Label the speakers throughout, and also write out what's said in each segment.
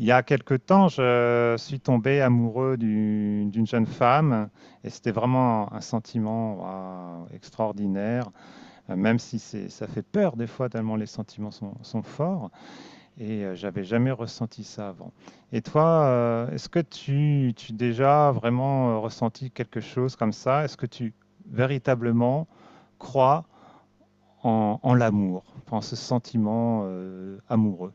Speaker 1: Il y a quelque temps, je suis tombé amoureux d'une jeune femme et c'était vraiment un sentiment waouh, extraordinaire, même si ça fait peur des fois tellement les sentiments sont forts et j'avais jamais ressenti ça avant. Et toi, est-ce que tu as déjà vraiment ressenti quelque chose comme ça? Est-ce que tu véritablement crois en l'amour, en ce sentiment amoureux?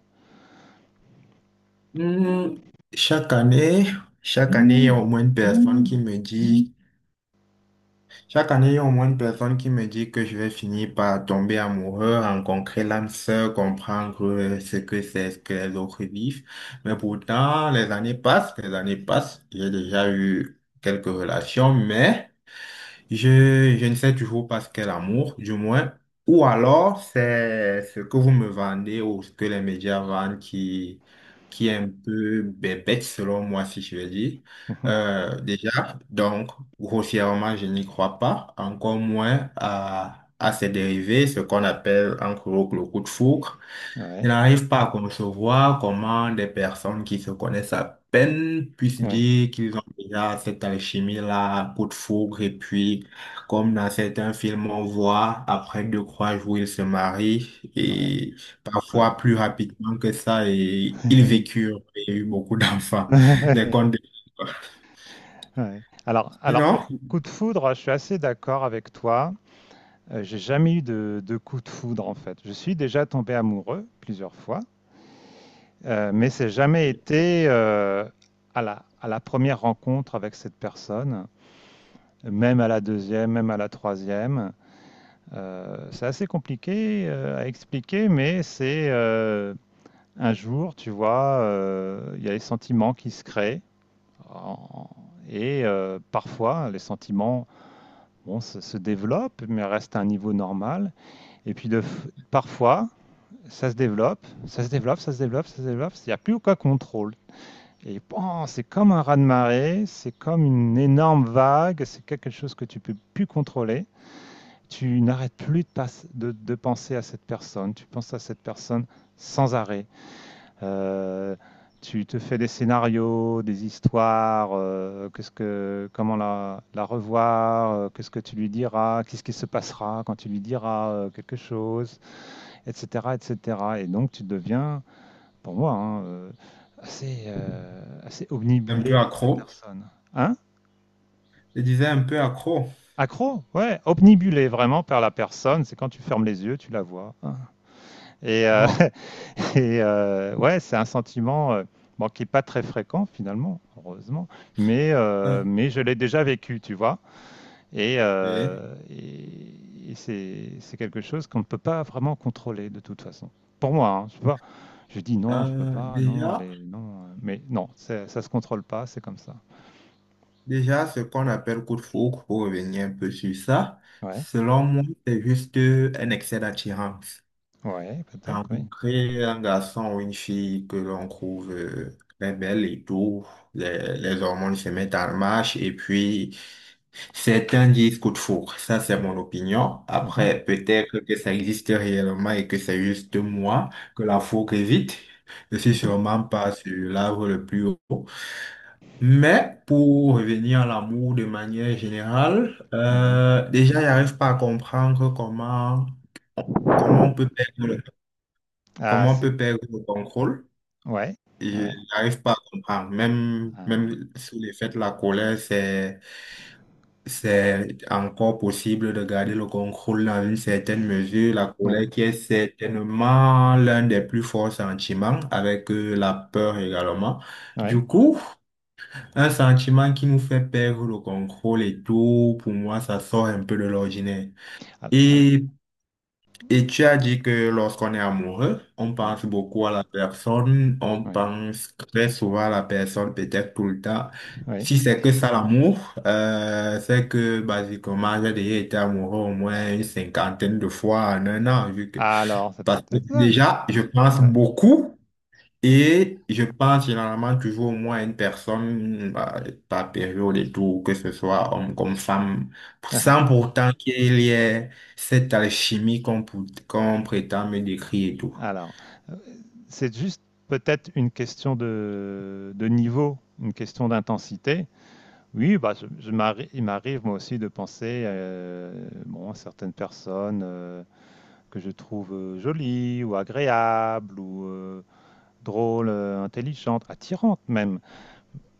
Speaker 2: Hmm, Chaque année, chaque année, il y a au moins une personne qui me dit, chaque année, il y a au moins une personne qui me dit que je vais finir par tomber amoureux, rencontrer l'âme sœur, comprendre ce que c'est, ce que les autres vivent. Mais pourtant, les années passent, les années passent. J'ai déjà eu quelques relations, mais je ne sais toujours pas ce qu'est l'amour, du moins. Ou alors, c'est ce que vous me vendez ou ce que les médias vendent qui est un peu bébête, selon moi, si je veux dire. Déjà, donc, grossièrement, je n'y crois pas. Encore moins à ses dérivés, ce qu'on appelle en gros le coup de foudre. Je
Speaker 1: Ouais,
Speaker 2: n'arrive pas à concevoir comment des personnes qui se connaissent à peine puissent
Speaker 1: ouais,
Speaker 2: dire qu'ils ont déjà cette alchimie-là, coup de foudre, et puis, comme dans certains films, on voit, après deux, trois jours, ils se marient,
Speaker 1: ouais,
Speaker 2: et
Speaker 1: ouais.
Speaker 2: parfois plus rapidement que ça, et ils vécurent, et eu beaucoup d'enfants. Les contes de...
Speaker 1: Ouais. Alors, au
Speaker 2: Sinon,
Speaker 1: coup de foudre, je suis assez d'accord avec toi. J'ai jamais eu de coup de foudre en fait. Je suis déjà tombé amoureux plusieurs fois, mais c'est jamais été à la première rencontre avec cette personne, même à la deuxième, même à la troisième. C'est assez compliqué à expliquer, mais c'est un jour, tu vois, il y a les sentiments qui se créent. En- Et parfois, les sentiments bon, se développent, mais restent à un niveau normal. Et puis parfois, ça se développe, ça se développe, ça se développe, ça se développe. Il n'y a plus aucun contrôle. Et bon, c'est comme un raz-de-marée, c'est comme une énorme vague, c'est quelque chose que tu peux plus contrôler. Tu n'arrêtes plus de, passe- de penser à cette personne, tu penses à cette personne sans arrêt. Euh, Tu te fais des scénarios, des histoires, qu'est-ce que, comment la revoir, qu'est-ce que tu lui diras, qu'est-ce qui se passera quand tu lui diras quelque chose, etc., etc. Et cetera. Et donc tu deviens, pour moi, hein, assez
Speaker 2: un peu
Speaker 1: omnibulé par cette
Speaker 2: accro,
Speaker 1: personne. Hein?
Speaker 2: je disais un peu accro.
Speaker 1: Accro? Ouais, omnibulé vraiment par la personne, c'est quand tu fermes les yeux, tu la vois. Hein. Et,
Speaker 2: Bon,
Speaker 1: Et ouais, c'est un sentiment bon, qui n'est pas très fréquent finalement, heureusement, mais, euh,
Speaker 2: un,
Speaker 1: mais je l'ai déjà vécu, tu vois. Et,
Speaker 2: deux,
Speaker 1: euh, et- et c'est quelque chose qu'on ne peut pas vraiment contrôler de toute façon. Pour moi, hein, je sais pas. Je dis non, je peux
Speaker 2: un,
Speaker 1: pas, non,
Speaker 2: déjà.
Speaker 1: allez, non. Mais non, ça se contrôle pas, c'est comme ça.
Speaker 2: Déjà, ce qu'on appelle coup de foudre, pour revenir un peu sur ça,
Speaker 1: Ouais,
Speaker 2: selon moi, c'est juste un excès d'attirance.
Speaker 1: ouais, peut-être, oui.
Speaker 2: Rencontrer un garçon ou une fille que l'on trouve très belle et tout, les hormones se mettent en marche et puis certains disent coup de foudre. Ça, c'est mon opinion.
Speaker 1: Mhm,
Speaker 2: Après, peut-être que ça existe réellement et que c'est juste moi que la foudre évite. Je suis
Speaker 1: mhm,
Speaker 2: sûrement pas sur l'arbre le plus haut. Mais pour revenir à l'amour de manière générale,
Speaker 1: ouais.
Speaker 2: déjà, j'arrive pas à comprendre comment on peut perdre le,
Speaker 1: Ah,
Speaker 2: comment on
Speaker 1: c'est.
Speaker 2: peut perdre le contrôle.
Speaker 1: Ouais,
Speaker 2: Ils
Speaker 1: ouais.
Speaker 2: J'arrive pas à comprendre. Même,
Speaker 1: Ah,
Speaker 2: même sous l'effet de la colère, c'est encore possible de garder le contrôle dans une certaine mesure. La
Speaker 1: ouais,
Speaker 2: colère qui est certainement l'un des plus forts sentiments, avec la peur également.
Speaker 1: ouais.
Speaker 2: Du coup, un sentiment qui nous fait perdre le contrôle et tout, pour moi, ça sort un peu de l'ordinaire.
Speaker 1: Ah, ah,
Speaker 2: Et, et tu as dit que lorsqu'on est amoureux, on
Speaker 1: ouais,
Speaker 2: pense beaucoup à la personne, on
Speaker 1: ouais,
Speaker 2: pense très souvent à la personne, peut-être tout le temps.
Speaker 1: ouais.
Speaker 2: Si c'est que ça l'amour, c'est que basiquement, j'ai déjà été amoureux au moins une cinquantaine de fois en un an,
Speaker 1: Alors, ça
Speaker 2: parce que
Speaker 1: peut-être ça.
Speaker 2: déjà, je pense
Speaker 1: Ouais.
Speaker 2: beaucoup. Et je parle généralement toujours au moins à une personne bah, par période et tout, que ce soit homme comme femme, sans pourtant qu'il y ait cette alchimie qu'on prétend me décrire et tout.
Speaker 1: Alors, heu, c'est juste peut-être une question de niveau, une question d'intensité. Oui, bah, je m'arri il m'arrive moi aussi de penser, bon, à certaines personnes, que je trouve, jolies ou agréables ou, drôles, intelligentes, attirantes même.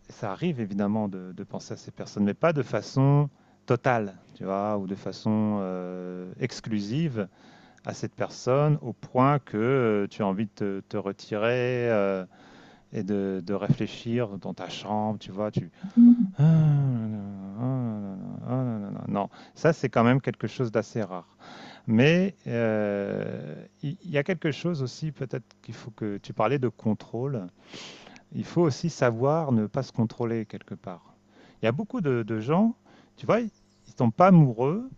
Speaker 1: Ça arrive évidemment de penser à ces personnes, mais pas de façon totale, tu vois? Ou de façon, exclusive. À cette personne au point que tu as envie de te retirer et de réfléchir dans ta chambre, tu vois, tu. Ah, là, là, ah, là, là, ah, là, là, là. Non, ça c'est quand même quelque chose d'assez rare. Mais il y a quelque chose aussi, peut-être qu'il faut que tu parlais de contrôle. Il faut aussi savoir ne pas se contrôler quelque part. Il y a beaucoup de gens, tu vois, ils ne tombent pas amoureux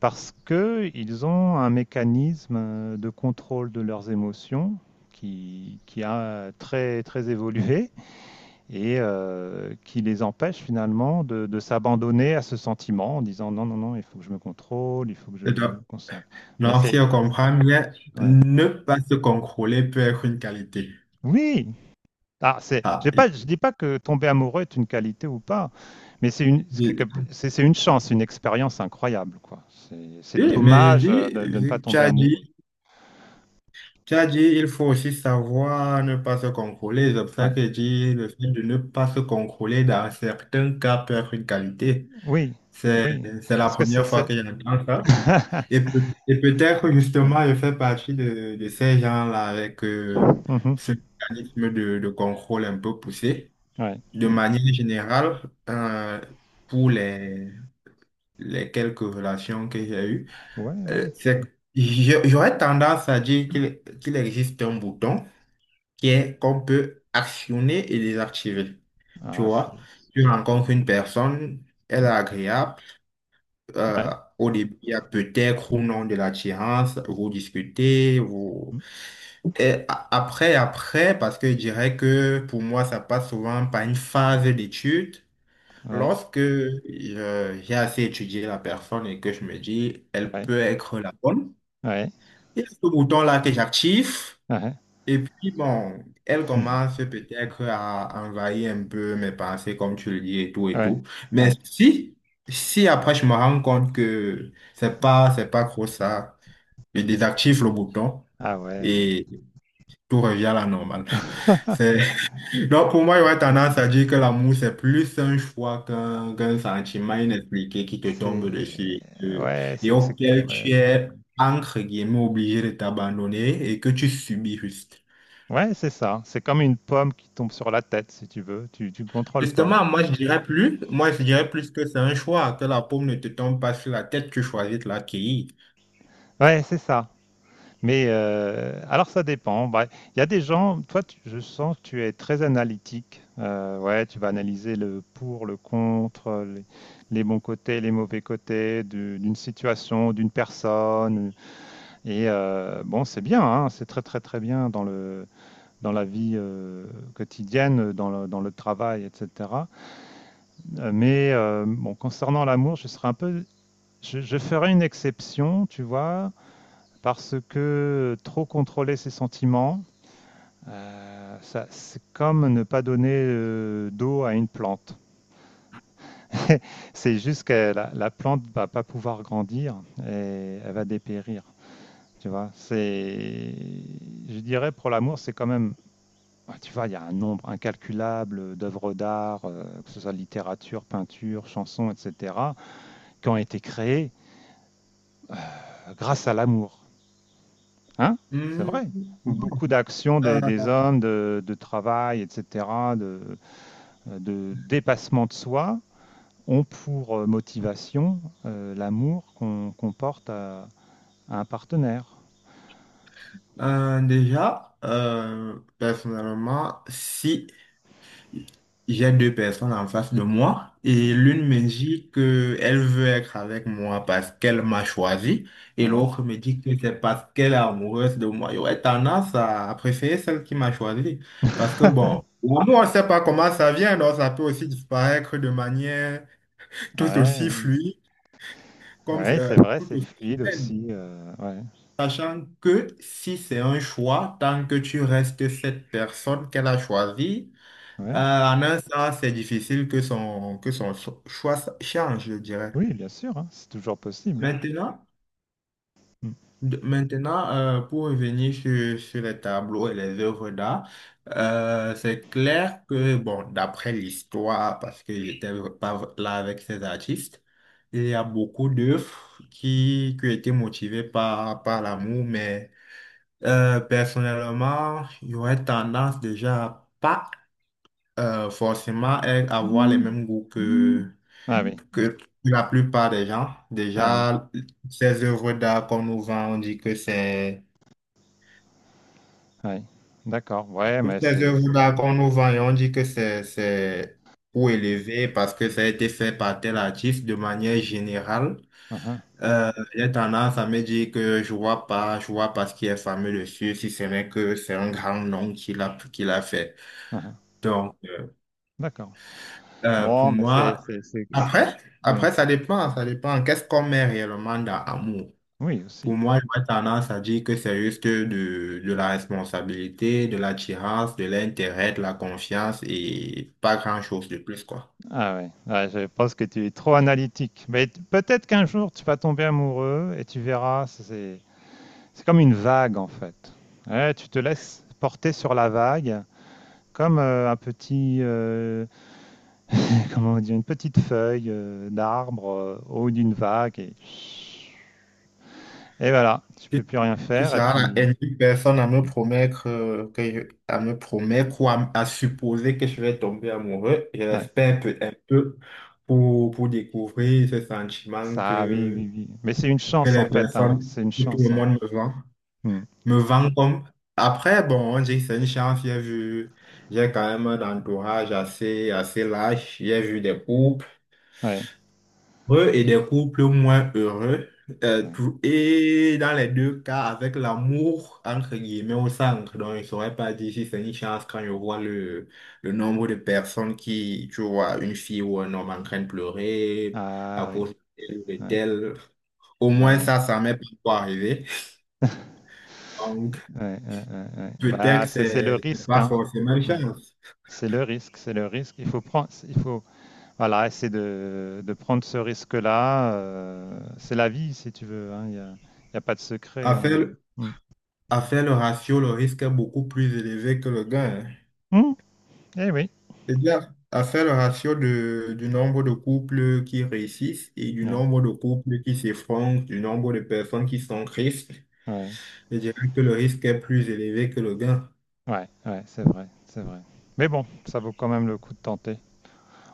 Speaker 1: parce qu'ils ont un mécanisme de contrôle de leurs émotions qui a très, très évolué et qui les empêche finalement de s'abandonner à ce sentiment en disant non, non, non, il faut que je me contrôle, il faut que je
Speaker 2: Et Donc,
Speaker 1: me concentre. Mais
Speaker 2: donc, si
Speaker 1: c'est.
Speaker 2: on comprend bien,
Speaker 1: Ouais.
Speaker 2: ne pas se contrôler peut être une qualité.
Speaker 1: Oui! Ah, c'est,
Speaker 2: Ah,
Speaker 1: j'ai pas, je dis pas que tomber amoureux est une qualité ou pas, mais c'est une, c'est quelque-
Speaker 2: je-
Speaker 1: c'est une chance, une expérience incroyable, quoi. C'est
Speaker 2: oui, mais j'ai
Speaker 1: dommage
Speaker 2: dit,
Speaker 1: de ne pas
Speaker 2: vu que tu
Speaker 1: tomber
Speaker 2: as
Speaker 1: amoureux.
Speaker 2: dit Tu as dit, il faut aussi savoir ne pas se contrôler. C'est pour ça
Speaker 1: Ouais.
Speaker 2: que je dis, le fait de ne pas se contrôler dans certains cas peut être une qualité.
Speaker 1: Oui,
Speaker 2: C'est,
Speaker 1: oui,
Speaker 2: c'est la
Speaker 1: parce que c'est
Speaker 2: première fois
Speaker 1: c'est
Speaker 2: que j'entends ça. Et, peut- et peut-être
Speaker 1: ouais.
Speaker 2: justement, je fais partie de ces gens-là avec
Speaker 1: Mmh mh.
Speaker 2: ce mécanisme de contrôle un peu poussé.
Speaker 1: Ouais.
Speaker 2: De
Speaker 1: Mmh.
Speaker 2: manière générale, euh, pour les quelques relations que j'ai eues,
Speaker 1: Ouais, ouais.
Speaker 2: euh, c'est- j'aurais tendance à dire qu'il existe un bouton qui est qu'on peut actionner et désactiver. Tu
Speaker 1: Ah, c'est
Speaker 2: vois,
Speaker 1: c'est
Speaker 2: tu
Speaker 1: peut-être
Speaker 2: rencontres
Speaker 1: mmh.
Speaker 2: une personne, elle est
Speaker 1: Mmh.
Speaker 2: agréable. euh,
Speaker 1: Ouais.
Speaker 2: au début, il y a peut-être ou non de l'attirance, vous discutez, vous...
Speaker 1: Mmh.
Speaker 2: Et après, parce que je dirais que pour moi, ça passe souvent par une phase d'étude.
Speaker 1: Ouais,
Speaker 2: Lorsque j'ai assez étudié la personne et que je me dis, elle
Speaker 1: ouais,
Speaker 2: peut être la bonne, il y a ce bouton-là que j'active.
Speaker 1: ouais. Ah ouais.
Speaker 2: Et puis, bon, elle commence peut-être à envahir un peu mes pensées, comme tu le dis, et tout, et
Speaker 1: Ouais,
Speaker 2: tout. Mais
Speaker 1: ouais.
Speaker 2: si après je me rends compte que c'est pas trop ça, je désactive le bouton
Speaker 1: Ah ouais.
Speaker 2: et tout revient à la normale. C'est... Donc, pour moi, j'aurais tendance
Speaker 1: Mmh.
Speaker 2: à dire que l'amour, c'est plus un choix qu'un sentiment inexpliqué qui te tombe
Speaker 1: C'est
Speaker 2: dessus
Speaker 1: ouais,
Speaker 2: et
Speaker 1: c'est
Speaker 2: auquel
Speaker 1: ouais,
Speaker 2: tu
Speaker 1: c'est
Speaker 2: es, entre guillemets, obligé de t'abandonner et que tu subis juste.
Speaker 1: ouais, c'est ça. C'est comme une pomme qui tombe sur la tête si tu veux, tu contrôles pas.
Speaker 2: Justement, moi, je dirais plus, moi, je dirais plus que c'est un choix, que la paume ne te tombe pas sur la tête, tu choisis de l'accueillir.
Speaker 1: Ouais, c'est ça. Mais alors ça dépend. Bah, il y a des gens, je sens que tu es très analytique. Ouais, tu vas analyser le pour, le contre, les bons côtés, les mauvais côtés d'une situation, d'une personne. Et bon, c'est bien, hein, c'est très très très bien dans la vie quotidienne, dans le travail, etc. Mais bon, concernant l'amour, je serais un peu, je ferais une exception, tu vois, parce que trop contrôler ses sentiments. Euh, c'est comme ne pas donner d'eau à une plante. C'est juste que la plante ne va pas pouvoir grandir et elle va dépérir. Tu vois, c'est, je dirais pour l'amour, c'est quand même, ouais, tu vois, il y a un nombre incalculable d'œuvres d'art, que ce soit littérature, peinture, chanson, etc., qui ont été créées grâce à l'amour. Hein? C'est
Speaker 2: Hmm,
Speaker 1: vrai. Ou
Speaker 2: bon,
Speaker 1: beaucoup d'actions
Speaker 2: euh,
Speaker 1: des hommes, de travail, etc., de, de dépassement de soi, ont pour motivation l'amour qu'on porte à un partenaire.
Speaker 2: déjà, personnellement, si j'ai deux personnes en face de moi et
Speaker 1: Ouais,
Speaker 2: l'une me dit que elle veut être avec moi parce qu'elle m'a choisi et
Speaker 1: ouais,
Speaker 2: l'autre me dit que c'est parce qu'elle est amoureuse de moi. J'aurais tendance à préférer celle qui m'a choisi parce que bon, l'amour, on ne sait pas comment ça vient, donc ça peut aussi disparaître de manière tout aussi
Speaker 1: ouais,
Speaker 2: fluide comme
Speaker 1: ouais, c'est vrai,
Speaker 2: tout
Speaker 1: c'est
Speaker 2: aussi
Speaker 1: fluide
Speaker 2: soudaine.
Speaker 1: aussi. Ouais,
Speaker 2: Sachant que si c'est un choix, tant que tu restes cette personne qu'elle a choisie,
Speaker 1: ouais.
Speaker 2: en un sens, c'est difficile que son choix change, je dirais.
Speaker 1: Oui, bien sûr, hein, c'est toujours possible. Hein.
Speaker 2: Maintenant,
Speaker 1: Mm.
Speaker 2: pour revenir sur les tableaux et les œuvres d'art, c'est clair que, bon, d'après l'histoire, parce que j'étais pas là avec ces artistes, il y a beaucoup d'œuvres qui étaient motivées par l'amour, mais personnellement, j'aurais tendance déjà à pas forcément à avoir les mêmes goûts que,
Speaker 1: Ah oui,
Speaker 2: que la plupart des gens,
Speaker 1: ah oui,
Speaker 2: déjà, ces œuvres d'art qu'on nous vend, on dit que c'est...
Speaker 1: oui. D'accord, ouais,
Speaker 2: Toutes
Speaker 1: mais
Speaker 2: ces
Speaker 1: c'est.
Speaker 2: œuvres d'art qu'on nous vend, et on dit que c'est pour élever parce que ça a été fait par tel artiste de manière générale.
Speaker 1: Ah ah,
Speaker 2: J'ai tendance à me dire que je vois pas ce qui est fameux dessus, si ce n'est que c'est un grand nom qu'il a fait.
Speaker 1: ah ah,
Speaker 2: Donc,
Speaker 1: d'accord.
Speaker 2: pour
Speaker 1: Bon, mais c'est.
Speaker 2: moi, après,
Speaker 1: Oui,
Speaker 2: après, ça dépend, ça dépend. Qu'est-ce qu'on met réellement dans amour?
Speaker 1: oui, aussi.
Speaker 2: Pour moi, j'aurais tendance à dire que c'est juste de la responsabilité, de l'attirance, de l'intérêt, de la confiance et pas grand-chose de plus, quoi.
Speaker 1: Ah ouais. Ouais, je pense que tu es trop analytique. Mais peut-être qu'un jour, tu vas tomber amoureux et tu verras. C'est comme une vague en fait. Ouais, tu te laisses porter sur la vague comme un petit, comment on dit, une petite feuille d'arbre au haut d'une vague et voilà, tu peux
Speaker 2: Tu,
Speaker 1: plus rien
Speaker 2: tu
Speaker 1: faire et
Speaker 2: seras la
Speaker 1: puis
Speaker 2: énième personne à me promettre, à me promettre ou à supposer que je vais tomber amoureux. Je
Speaker 1: ouais,
Speaker 2: l'espère un peu pour découvrir ce sentiment
Speaker 1: ça, oui, oui, oui. Mais c'est une
Speaker 2: que
Speaker 1: chance en
Speaker 2: les
Speaker 1: fait, hein,
Speaker 2: personnes,
Speaker 1: c'est une
Speaker 2: que tout le
Speaker 1: chance. Hein.
Speaker 2: monde me vend.
Speaker 1: Hmm.
Speaker 2: Me vend comme... Après, bon, j'ai c'est une chance, j'ai vu, j'ai quand même un entourage assez large, j'ai vu des couples
Speaker 1: Ouais.
Speaker 2: heureux et des couples moins heureux.
Speaker 1: Ouais.
Speaker 2: Et dans les deux cas, avec l'amour, entre guillemets, au centre. Donc, je ne saurais pas dire si c'est une chance quand je vois le nombre de personnes qui, tu vois, une fille ou un homme en train de pleurer à
Speaker 1: Ah oui,
Speaker 2: cause de tel ou de
Speaker 1: ouais,
Speaker 2: tel. Au
Speaker 1: ah
Speaker 2: moins,
Speaker 1: oui.
Speaker 2: ça m'est pas encore arrivé.
Speaker 1: Ouais, ouais, ouais, ouais. Bah,
Speaker 2: Peut-être
Speaker 1: c'est le
Speaker 2: c'est
Speaker 1: risque,
Speaker 2: pas
Speaker 1: hein.
Speaker 2: forcément une
Speaker 1: Ouais.
Speaker 2: chance.
Speaker 1: C'est le risque, c'est le risque. Il faut prendre, il faut, voilà, essayer de prendre ce risque-là. C'est la vie, si tu veux. Hein. Y a pas de secret.
Speaker 2: À
Speaker 1: Hein.
Speaker 2: faire,
Speaker 1: Mm.
Speaker 2: à faire le ratio, le risque est beaucoup plus élevé que le gain, hein.
Speaker 1: Mm, eh oui.
Speaker 2: C'est-à-dire, à faire le ratio du nombre de couples qui réussissent et du
Speaker 1: Ouais,
Speaker 2: nombre de couples qui s'effondrent, du nombre de personnes qui sont tristes,
Speaker 1: ouais,
Speaker 2: je dirais que le risque est plus élevé que le gain.
Speaker 1: ouais, ouais, c'est vrai, c'est vrai. Mais bon, ça vaut quand même le coup de tenter.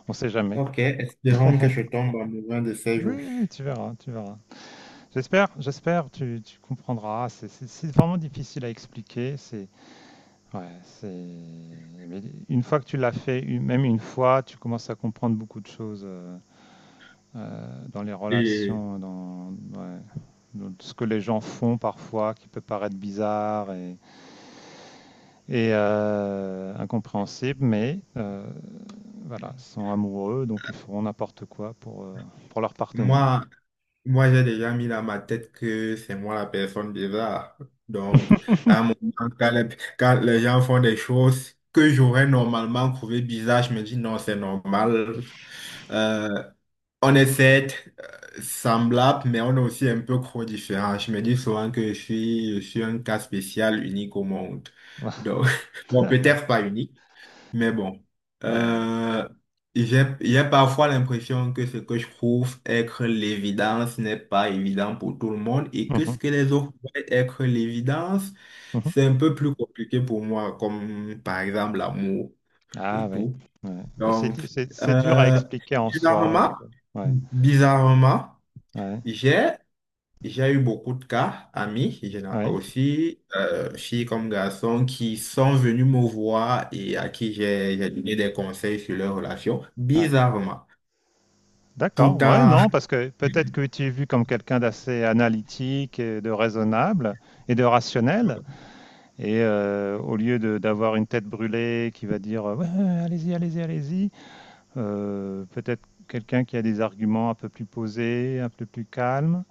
Speaker 1: On sait jamais.
Speaker 2: Ok, espérons que je tombe amoureux de ces
Speaker 1: Oui,
Speaker 2: jours.
Speaker 1: oui, tu verras, tu verras. J'espère, j'espère, tu comprendras. C'est vraiment difficile à expliquer. C'est, ouais, c'est. Mais une fois que tu l'as fait, même une fois, tu commences à comprendre beaucoup de choses. Dans les
Speaker 2: Et
Speaker 1: relations, ouais, dans ce que les gens font parfois, qui peut paraître bizarre et incompréhensible, mais voilà, sont amoureux, donc ils feront n'importe quoi pour leur partenaire.
Speaker 2: moi, Moi, j'ai déjà mis dans ma tête que c'est moi la personne bizarre. Donc, à un moment, quand les, quand les gens font des choses que j'aurais normalement trouvé bizarres, je me dis non, c'est normal. Euh, on est certes semblables, mais on est aussi un peu trop différents. Je me dis souvent que je suis un cas spécial, unique au monde.
Speaker 1: Ouais.
Speaker 2: Donc, bon, peut-être pas unique. Mais bon,
Speaker 1: Ouais.
Speaker 2: euh, j'ai parfois l'impression que ce que je trouve être l'évidence n'est pas évident pour tout le monde et que ce
Speaker 1: Mhm.
Speaker 2: que les autres voient être l'évidence,
Speaker 1: Mhm.
Speaker 2: c'est un peu plus compliqué pour moi, comme par exemple l'amour
Speaker 1: Ah
Speaker 2: et
Speaker 1: oui,
Speaker 2: tout.
Speaker 1: ouais. Mais c'est,
Speaker 2: Donc,
Speaker 1: di- c'est, c'est dur à
Speaker 2: euh,
Speaker 1: expliquer en soi.
Speaker 2: bizarrement,
Speaker 1: Ouais,
Speaker 2: bizarrement,
Speaker 1: ouais,
Speaker 2: j'ai j'ai eu beaucoup de cas, amis,
Speaker 1: ouais,
Speaker 2: aussi, filles comme garçons, qui sont venus me voir et à qui j'ai donné des conseils sur leurs relations,
Speaker 1: ouais.
Speaker 2: bizarrement.
Speaker 1: D'accord, ouais,
Speaker 2: Pourtant,
Speaker 1: non, parce que peut-être que tu es vu comme quelqu'un d'assez analytique, et de raisonnable et de rationnel, et au lieu d'avoir une tête brûlée qui va dire ouais, allez-y, allez-y, allez-y, peut-être quelqu'un qui a des arguments un peu plus posés, un peu plus calmes,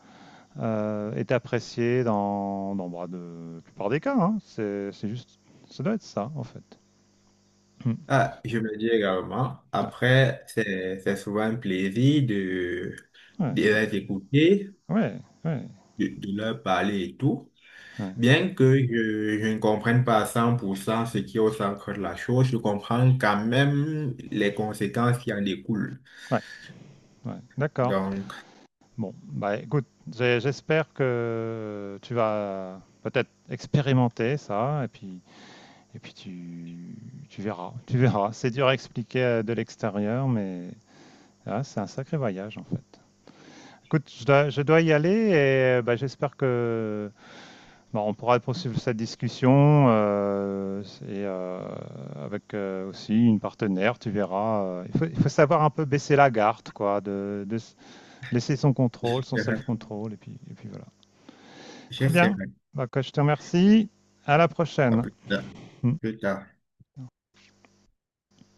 Speaker 1: est apprécié dans bah, la plupart des cas. Hein. C'est juste, ça doit être ça en fait. Hmm.
Speaker 2: ah, je me dis également,
Speaker 1: Ouais,
Speaker 2: après, c'est souvent un plaisir de,
Speaker 1: ouais,
Speaker 2: de les écouter,
Speaker 1: ouais, ouais,
Speaker 2: de leur parler et tout.
Speaker 1: ouais,
Speaker 2: Bien que je ne comprenne pas à 100% ce qui est au centre de la chose, je comprends quand même les conséquences qui en découlent.
Speaker 1: ouais, ouais. D'accord.
Speaker 2: Donc,
Speaker 1: Bon, bah écoute, j'espère que tu vas peut-être expérimenter ça, et puis tu verras, tu verras. C'est dur à expliquer de l'extérieur, mais ah, c'est un sacré voyage en fait. Écoute, je dois y aller, et bah, j'espère que bah, on pourra poursuivre cette discussion, et euh, avec aussi une partenaire, tu verras. Il faut savoir un peu baisser la garde, quoi, laisser son contrôle, son
Speaker 2: j'essaierai.
Speaker 1: self-control, et puis voilà. Très bien.
Speaker 2: J'essaierai.
Speaker 1: Donc, je te remercie. À la
Speaker 2: À
Speaker 1: prochaine.
Speaker 2: plus tard. Plus tard.